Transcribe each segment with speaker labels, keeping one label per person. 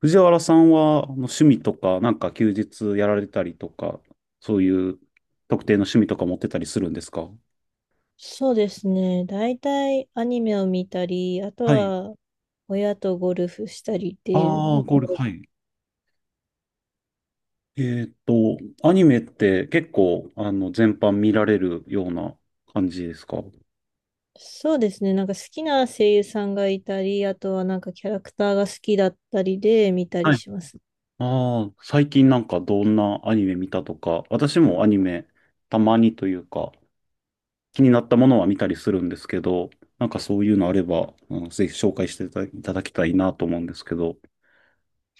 Speaker 1: 藤原さんは、あの趣味とか、なんか休日やられたりとか、そういう特定の趣味とか持ってたりするんですか？
Speaker 2: そうですね。大体アニメを見たり、あと
Speaker 1: はい。
Speaker 2: は親とゴルフしたりっていう
Speaker 1: ああ、
Speaker 2: のが
Speaker 1: ゴルフ、はい。えーっと、アニメって結構、全般見られるような感じですか？
Speaker 2: そうですね。なんか好きな声優さんがいたり、あとはなんかキャラクターが好きだったりで見たり
Speaker 1: はい。
Speaker 2: します。
Speaker 1: ああ、最近なんかどんなアニメ見たとか、私もアニメ、たまにというか、気になったものは見たりするんですけど、なんかそういうのあれば、うん、ぜひ紹介していただきたいなと思うんですけど。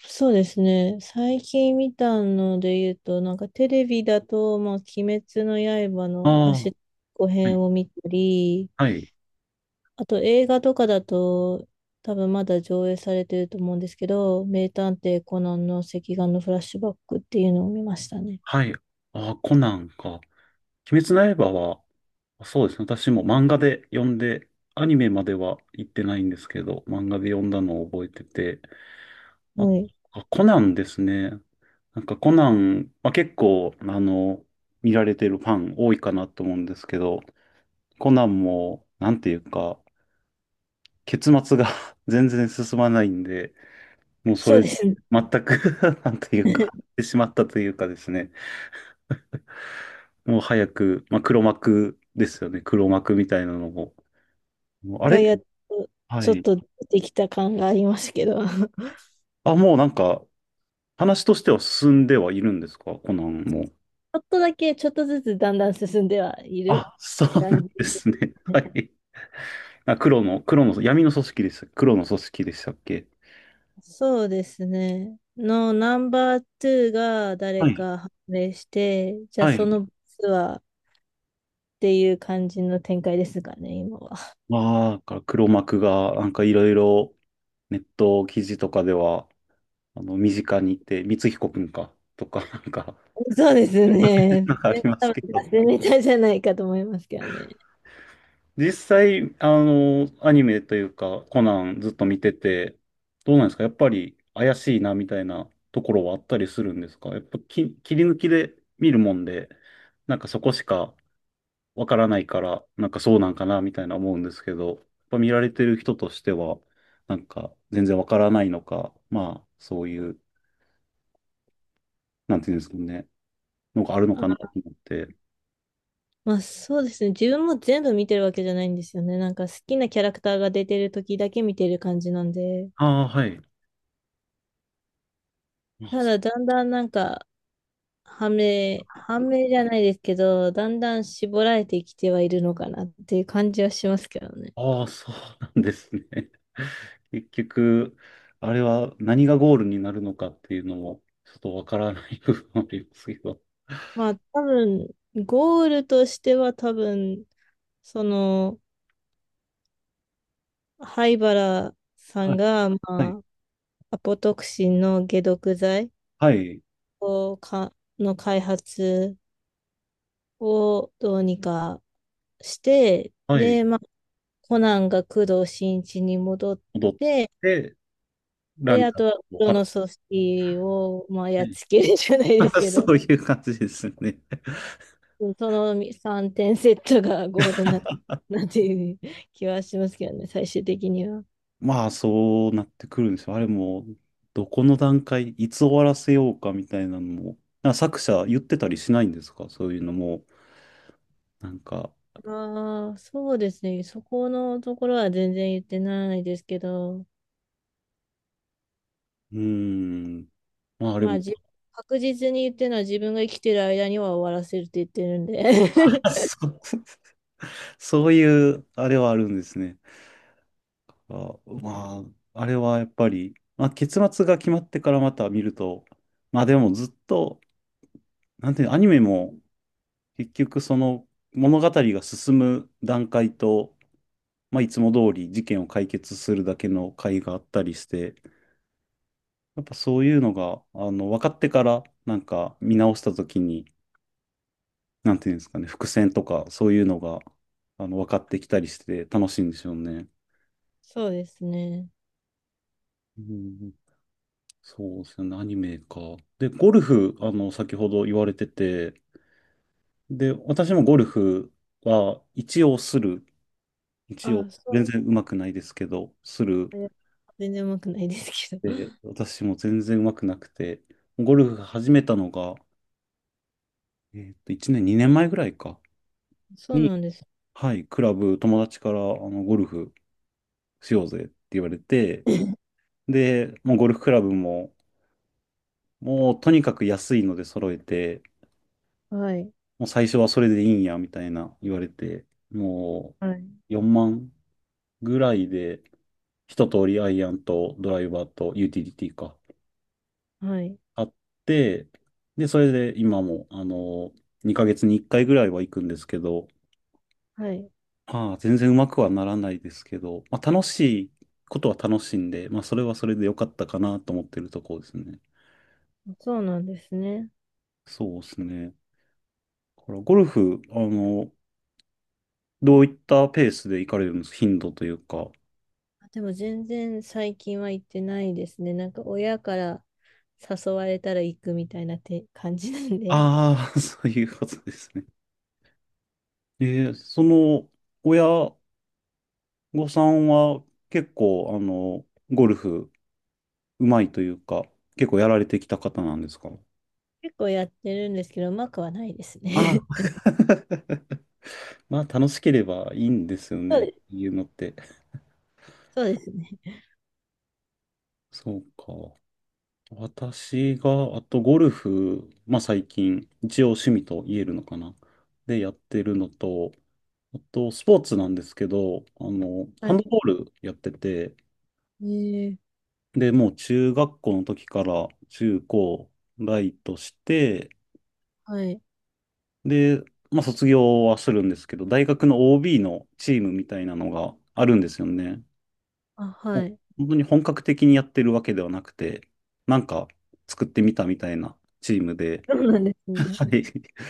Speaker 2: そうですね。最近見たので言うと、なんかテレビだと、まあ、鬼滅の刃
Speaker 1: あ
Speaker 2: の走
Speaker 1: あ。
Speaker 2: っこ
Speaker 1: は
Speaker 2: 編
Speaker 1: い
Speaker 2: を見たり、
Speaker 1: はい。
Speaker 2: あと映画とかだと、多分まだ上映されてると思うんですけど、名探偵コナンの赤眼のフラッシュバックっていうのを見ましたね。
Speaker 1: はい。ああ、コナンか。鬼滅の刃は、そうですね。私も漫画で読んで、アニメまでは行ってないんですけど、漫画で読んだのを覚えてて。あ、
Speaker 2: はい。
Speaker 1: あ、コナンですね。なんかコナン、まあ、結構、見られてるファン多いかなと思うんですけど、コナンも、なんていうか、結末が 全然進まないんで、もうそ
Speaker 2: そう
Speaker 1: れ、
Speaker 2: ですね。
Speaker 1: 全く なんていうか、終わ ってしまったというかですね。もう早く、まあ、黒幕ですよね。黒幕みたいなのも。もうあ
Speaker 2: が
Speaker 1: れ、
Speaker 2: やっと、
Speaker 1: は
Speaker 2: ちょっ
Speaker 1: い。
Speaker 2: とできた感がありますけど、ち
Speaker 1: あ、もうなんか、話としては進んではいるんですか、コナンも？
Speaker 2: ょっとだけ、ちょっとずつだんだん進んではいる
Speaker 1: あ、そうな
Speaker 2: 感
Speaker 1: ん
Speaker 2: じで
Speaker 1: ですね。
Speaker 2: す ね。
Speaker 1: は い。あ、黒の、黒の、闇の組織でした。黒の組織でしたっけ？
Speaker 2: そうですね。のナンバー2が
Speaker 1: は
Speaker 2: 誰
Speaker 1: い。
Speaker 2: か判明して、じゃあ
Speaker 1: はい。
Speaker 2: そのボスは？っていう感じの展開ですかね、今は。
Speaker 1: まあ、だから黒幕が、なんかいろいろネット記事とかでは、身近にいて、光彦くんか、とか、なんか、
Speaker 2: そうです ね。ね
Speaker 1: なんかありま
Speaker 2: 多
Speaker 1: すけ
Speaker 2: 分
Speaker 1: ど。
Speaker 2: 達ネタじゃないかと思いますけどね。
Speaker 1: 実際、アニメというか、コナンずっと見てて、どうなんですか？やっぱり怪しいなみたいなところはあったりするんですか？やっぱ切り抜きで見るもんで、なんかそこしかわからないから、なんかそうなんかなみたいな思うんですけど、やっぱ見られてる人としては、なんか全然わからないのか、まあ、そういう、なんていうんですかね、のがあるのかなと
Speaker 2: あ、
Speaker 1: 思って。
Speaker 2: まあそうですね。自分も全部見てるわけじゃないんですよね。なんか好きなキャラクターが出てる時だけ見てる感じなんで。
Speaker 1: ああ、はい。あ、
Speaker 2: た
Speaker 1: そ
Speaker 2: だだんだんなんか、はめじゃないですけど、だんだん絞られてきてはいるのかなっていう感じはしますけどね。
Speaker 1: あーそうなんですね。結局、あれは何がゴールになるのかっていうのも、ちょっとわからない部分もありますけど。
Speaker 2: まあ多分、ゴールとしては多分、その、灰原さ
Speaker 1: は
Speaker 2: ん
Speaker 1: い、
Speaker 2: が、ま
Speaker 1: はい、
Speaker 2: あ、アポトクシンの解毒剤
Speaker 1: はい、
Speaker 2: をか、の開発をどうにかして、
Speaker 1: はい、
Speaker 2: で、まあ、コナンが工藤新一に戻っ
Speaker 1: 戻っ
Speaker 2: て、
Speaker 1: て、ラ
Speaker 2: で、
Speaker 1: ンチ
Speaker 2: あ
Speaker 1: ャン
Speaker 2: とは
Speaker 1: を張
Speaker 2: 黒の
Speaker 1: っ
Speaker 2: 組織を、まあ、やっ
Speaker 1: て、
Speaker 2: つけるじゃな いで
Speaker 1: は
Speaker 2: す
Speaker 1: い、
Speaker 2: け
Speaker 1: そ
Speaker 2: ど、
Speaker 1: うい う感じですよね。
Speaker 2: うんその3点セットがゴールな、なんていう気はしますけどね、最終的には。
Speaker 1: まあ、そうなってくるんですよ。あれも、どこの段階、いつ終わらせようかみたいなのも、なんか作者言ってたりしないんですか、そういうのも？なんか、
Speaker 2: ああ、そうですね。そこのところは全然言ってないですけど、
Speaker 1: うーん、まあ、あれ
Speaker 2: ま
Speaker 1: も、
Speaker 2: あ、確実に言ってるのは自分が生きてる間には終わらせるって言ってるんで。
Speaker 1: そう、そういう、あれはあるんですね。あ、まあ、あれはやっぱり、まあ、結末が決まってからまた見ると、まあでもずっと、なんていうの、アニメも結局その物語が進む段階と、まあいつも通り事件を解決するだけの回があったりして、やっぱそういうのが、分かってからなんか見直した時に、なんていうんですかね、伏線とかそういうのが、分かってきたりして楽しいんでしょうね。
Speaker 2: そうですね。
Speaker 1: うん、そうですね、アニメか。で、ゴルフ、先ほど言われてて、で、私もゴルフは一応する。一応、
Speaker 2: あ、
Speaker 1: 全
Speaker 2: そ
Speaker 1: 然上手くないですけど、する。
Speaker 2: う。え全然うまくないですけど。
Speaker 1: で、私も全然上手くなくて、ゴルフ始めたのが、1年、2年前ぐらいか、
Speaker 2: そう
Speaker 1: に、
Speaker 2: なんです。
Speaker 1: はい、クラブ、友達から、ゴルフしようぜって言われて、で、もうゴルフクラブも、もうとにかく安いので揃えて、
Speaker 2: はい。
Speaker 1: もう最初はそれでいいんや、みたいな言われて、も
Speaker 2: はい。
Speaker 1: う4万ぐらいで、一通りアイアンとドライバーとユーティリティか、
Speaker 2: はい。
Speaker 1: あって、で、それで今も、2ヶ月に1回ぐらいは行くんですけど、
Speaker 2: はい。
Speaker 1: まあ、全然うまくはならないですけど、まあ、楽しいことは楽しいんで、まあ、それはそれで良かったかなと思ってるところですね。
Speaker 2: そうなんですね。
Speaker 1: そうですね。だからゴルフ、どういったペースで行かれるんですか？頻度というか。
Speaker 2: あでも全然最近は行ってないですね。なんか親から誘われたら行くみたいなて感じなんで、
Speaker 1: ああ、そういうことですね。その、親御さんは結構、ゴルフうまいというか、結構やられてきた方なんですか？
Speaker 2: 結構やってるんですけど、うまくはないです
Speaker 1: ああ、
Speaker 2: ね。
Speaker 1: まあ楽しければいいんですよ
Speaker 2: そう
Speaker 1: ね、
Speaker 2: です。
Speaker 1: いうのって。
Speaker 2: そうですね。
Speaker 1: そうか。私が、あとゴルフ、まあ最近、一応趣味と言えるのかな。で、やってるのと、あとスポーツなんですけど、
Speaker 2: は
Speaker 1: ハンド
Speaker 2: い。
Speaker 1: ボールやってて、
Speaker 2: えー、
Speaker 1: で、もう中学校の時から中高ライトして、
Speaker 2: はい。
Speaker 1: で、まあ卒業はするんですけど、大学の OB のチームみたいなのがあるんですよね。
Speaker 2: あ、
Speaker 1: も
Speaker 2: は
Speaker 1: う
Speaker 2: い。
Speaker 1: 本当に本格的にやってるわけではなくて、なんか作ってみたみたいなチームで、
Speaker 2: そうなんですね。
Speaker 1: はい。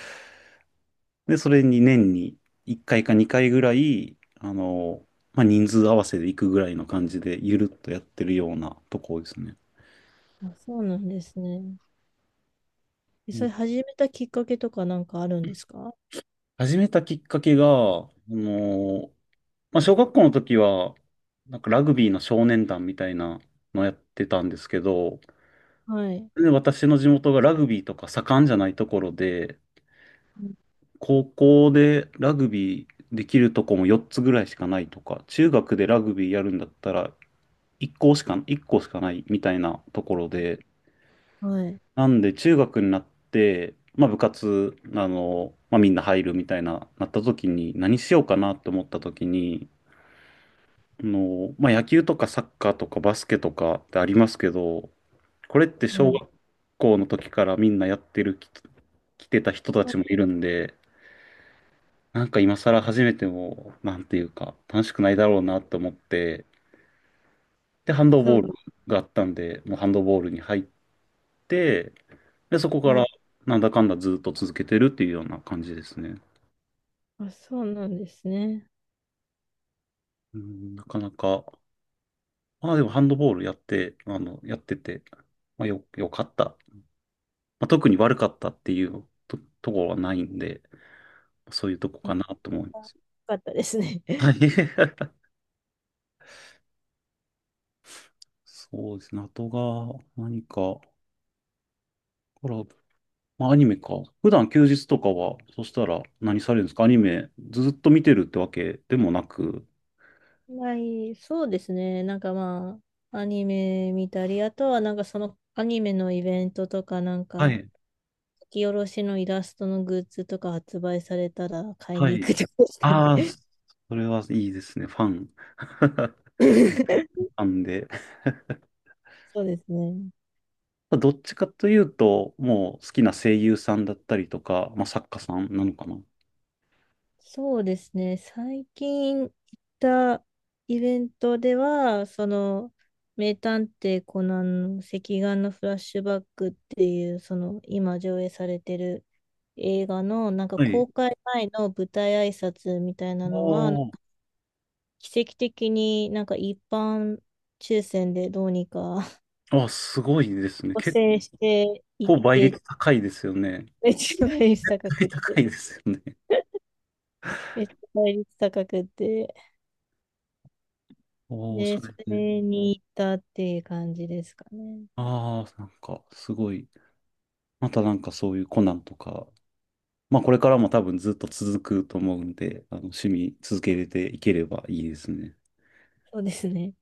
Speaker 1: で、それに年に1回か2回ぐらい、まあ人数合わせで行くぐらいの感じで、ゆるっとやってるようなとこですね。
Speaker 2: あ、そうなんですね。え
Speaker 1: う
Speaker 2: そ
Speaker 1: ん、
Speaker 2: れ始めたきっかけとかなんかあるんですか？
Speaker 1: 始めたきっかけが、あのまあ、小学校の時は、なんかラグビーの少年団みたいなのやってたんですけど、
Speaker 2: はい。
Speaker 1: で、私の地元がラグビーとか盛んじゃないところで、高校でラグビーできるとこも4つぐらいしかないとか、中学でラグビーやるんだったら1校しかないみたいなところで、
Speaker 2: はい。
Speaker 1: なんで中学になって、まあ部活、まあみんな入るみたいな、なった時に何しようかなって思った時に、まあ、野球とかサッカーとかバスケとかってありますけど、これって
Speaker 2: は
Speaker 1: 小
Speaker 2: い。
Speaker 1: 学校の時からみんなやってる、来てた人た
Speaker 2: あ、
Speaker 1: ちもいるんで、なんか今更始めても、なんていうか、楽しくないだろうなと思って、で、ハンド
Speaker 2: そ
Speaker 1: ボー
Speaker 2: う
Speaker 1: ルがあったんで、もうハンドボールに入って、で、そこ
Speaker 2: な、
Speaker 1: か
Speaker 2: は
Speaker 1: ら
Speaker 2: い。
Speaker 1: なんだかんだずっと続けてるっていうような感じですね。
Speaker 2: あ、そうなんですね。
Speaker 1: うん、なかなか、まあでもハンドボールやって、やってて、まあよかった、まあ、特に悪かったっていうと、ところはないんで、そういうとこ
Speaker 2: あ
Speaker 1: かなと
Speaker 2: やっ
Speaker 1: 思いま
Speaker 2: ぱよ
Speaker 1: す。
Speaker 2: かったですね。
Speaker 1: はい。そうですね。あとが、何か、コラボ。まあ、アニメか。普段休日とかは、そしたら何されるんですか？アニメずっと見てるってわけでもなく。
Speaker 2: はい、そうですね。なんかまあ、アニメ見たり、あとはなんかそのアニメのイベントとか、なん
Speaker 1: は
Speaker 2: か、
Speaker 1: い。
Speaker 2: 書き下ろしのイラストのグッズとか発売されたら買い
Speaker 1: は
Speaker 2: に行
Speaker 1: い。
Speaker 2: くとかですか
Speaker 1: ああ、
Speaker 2: ね。
Speaker 1: それはいいですね。ファン。フ ァンで。
Speaker 2: そうですね。
Speaker 1: どっちかというと、もう好きな声優さんだったりとか、まあ、作家さんなのかな。
Speaker 2: そうですね。最近行ったイベントでは、その、名探偵コナンの赤眼のフラッシュバックっていう、その、今上映されてる映画の、なんか
Speaker 1: はい。
Speaker 2: 公開前の舞台挨拶みたいなのは、
Speaker 1: お
Speaker 2: 奇跡的になんか一般抽選でどうにか
Speaker 1: あ、すごいですね。
Speaker 2: 補
Speaker 1: 結
Speaker 2: 正していっ
Speaker 1: 構倍
Speaker 2: て、
Speaker 1: 率高いですよね。
Speaker 2: めっちゃ倍率高く っ
Speaker 1: 高
Speaker 2: て、
Speaker 1: いですよね。
Speaker 2: めっちゃ倍率高くって、
Speaker 1: おー、そ
Speaker 2: で、そ
Speaker 1: れで。
Speaker 2: れに行ったっていう感じですかね。
Speaker 1: ああ、なんか、すごい。またなんかそういうコナンとか、まあこれからも多分ずっと続くと思うんで、あの趣味続けれていければいいですね。
Speaker 2: そうですね。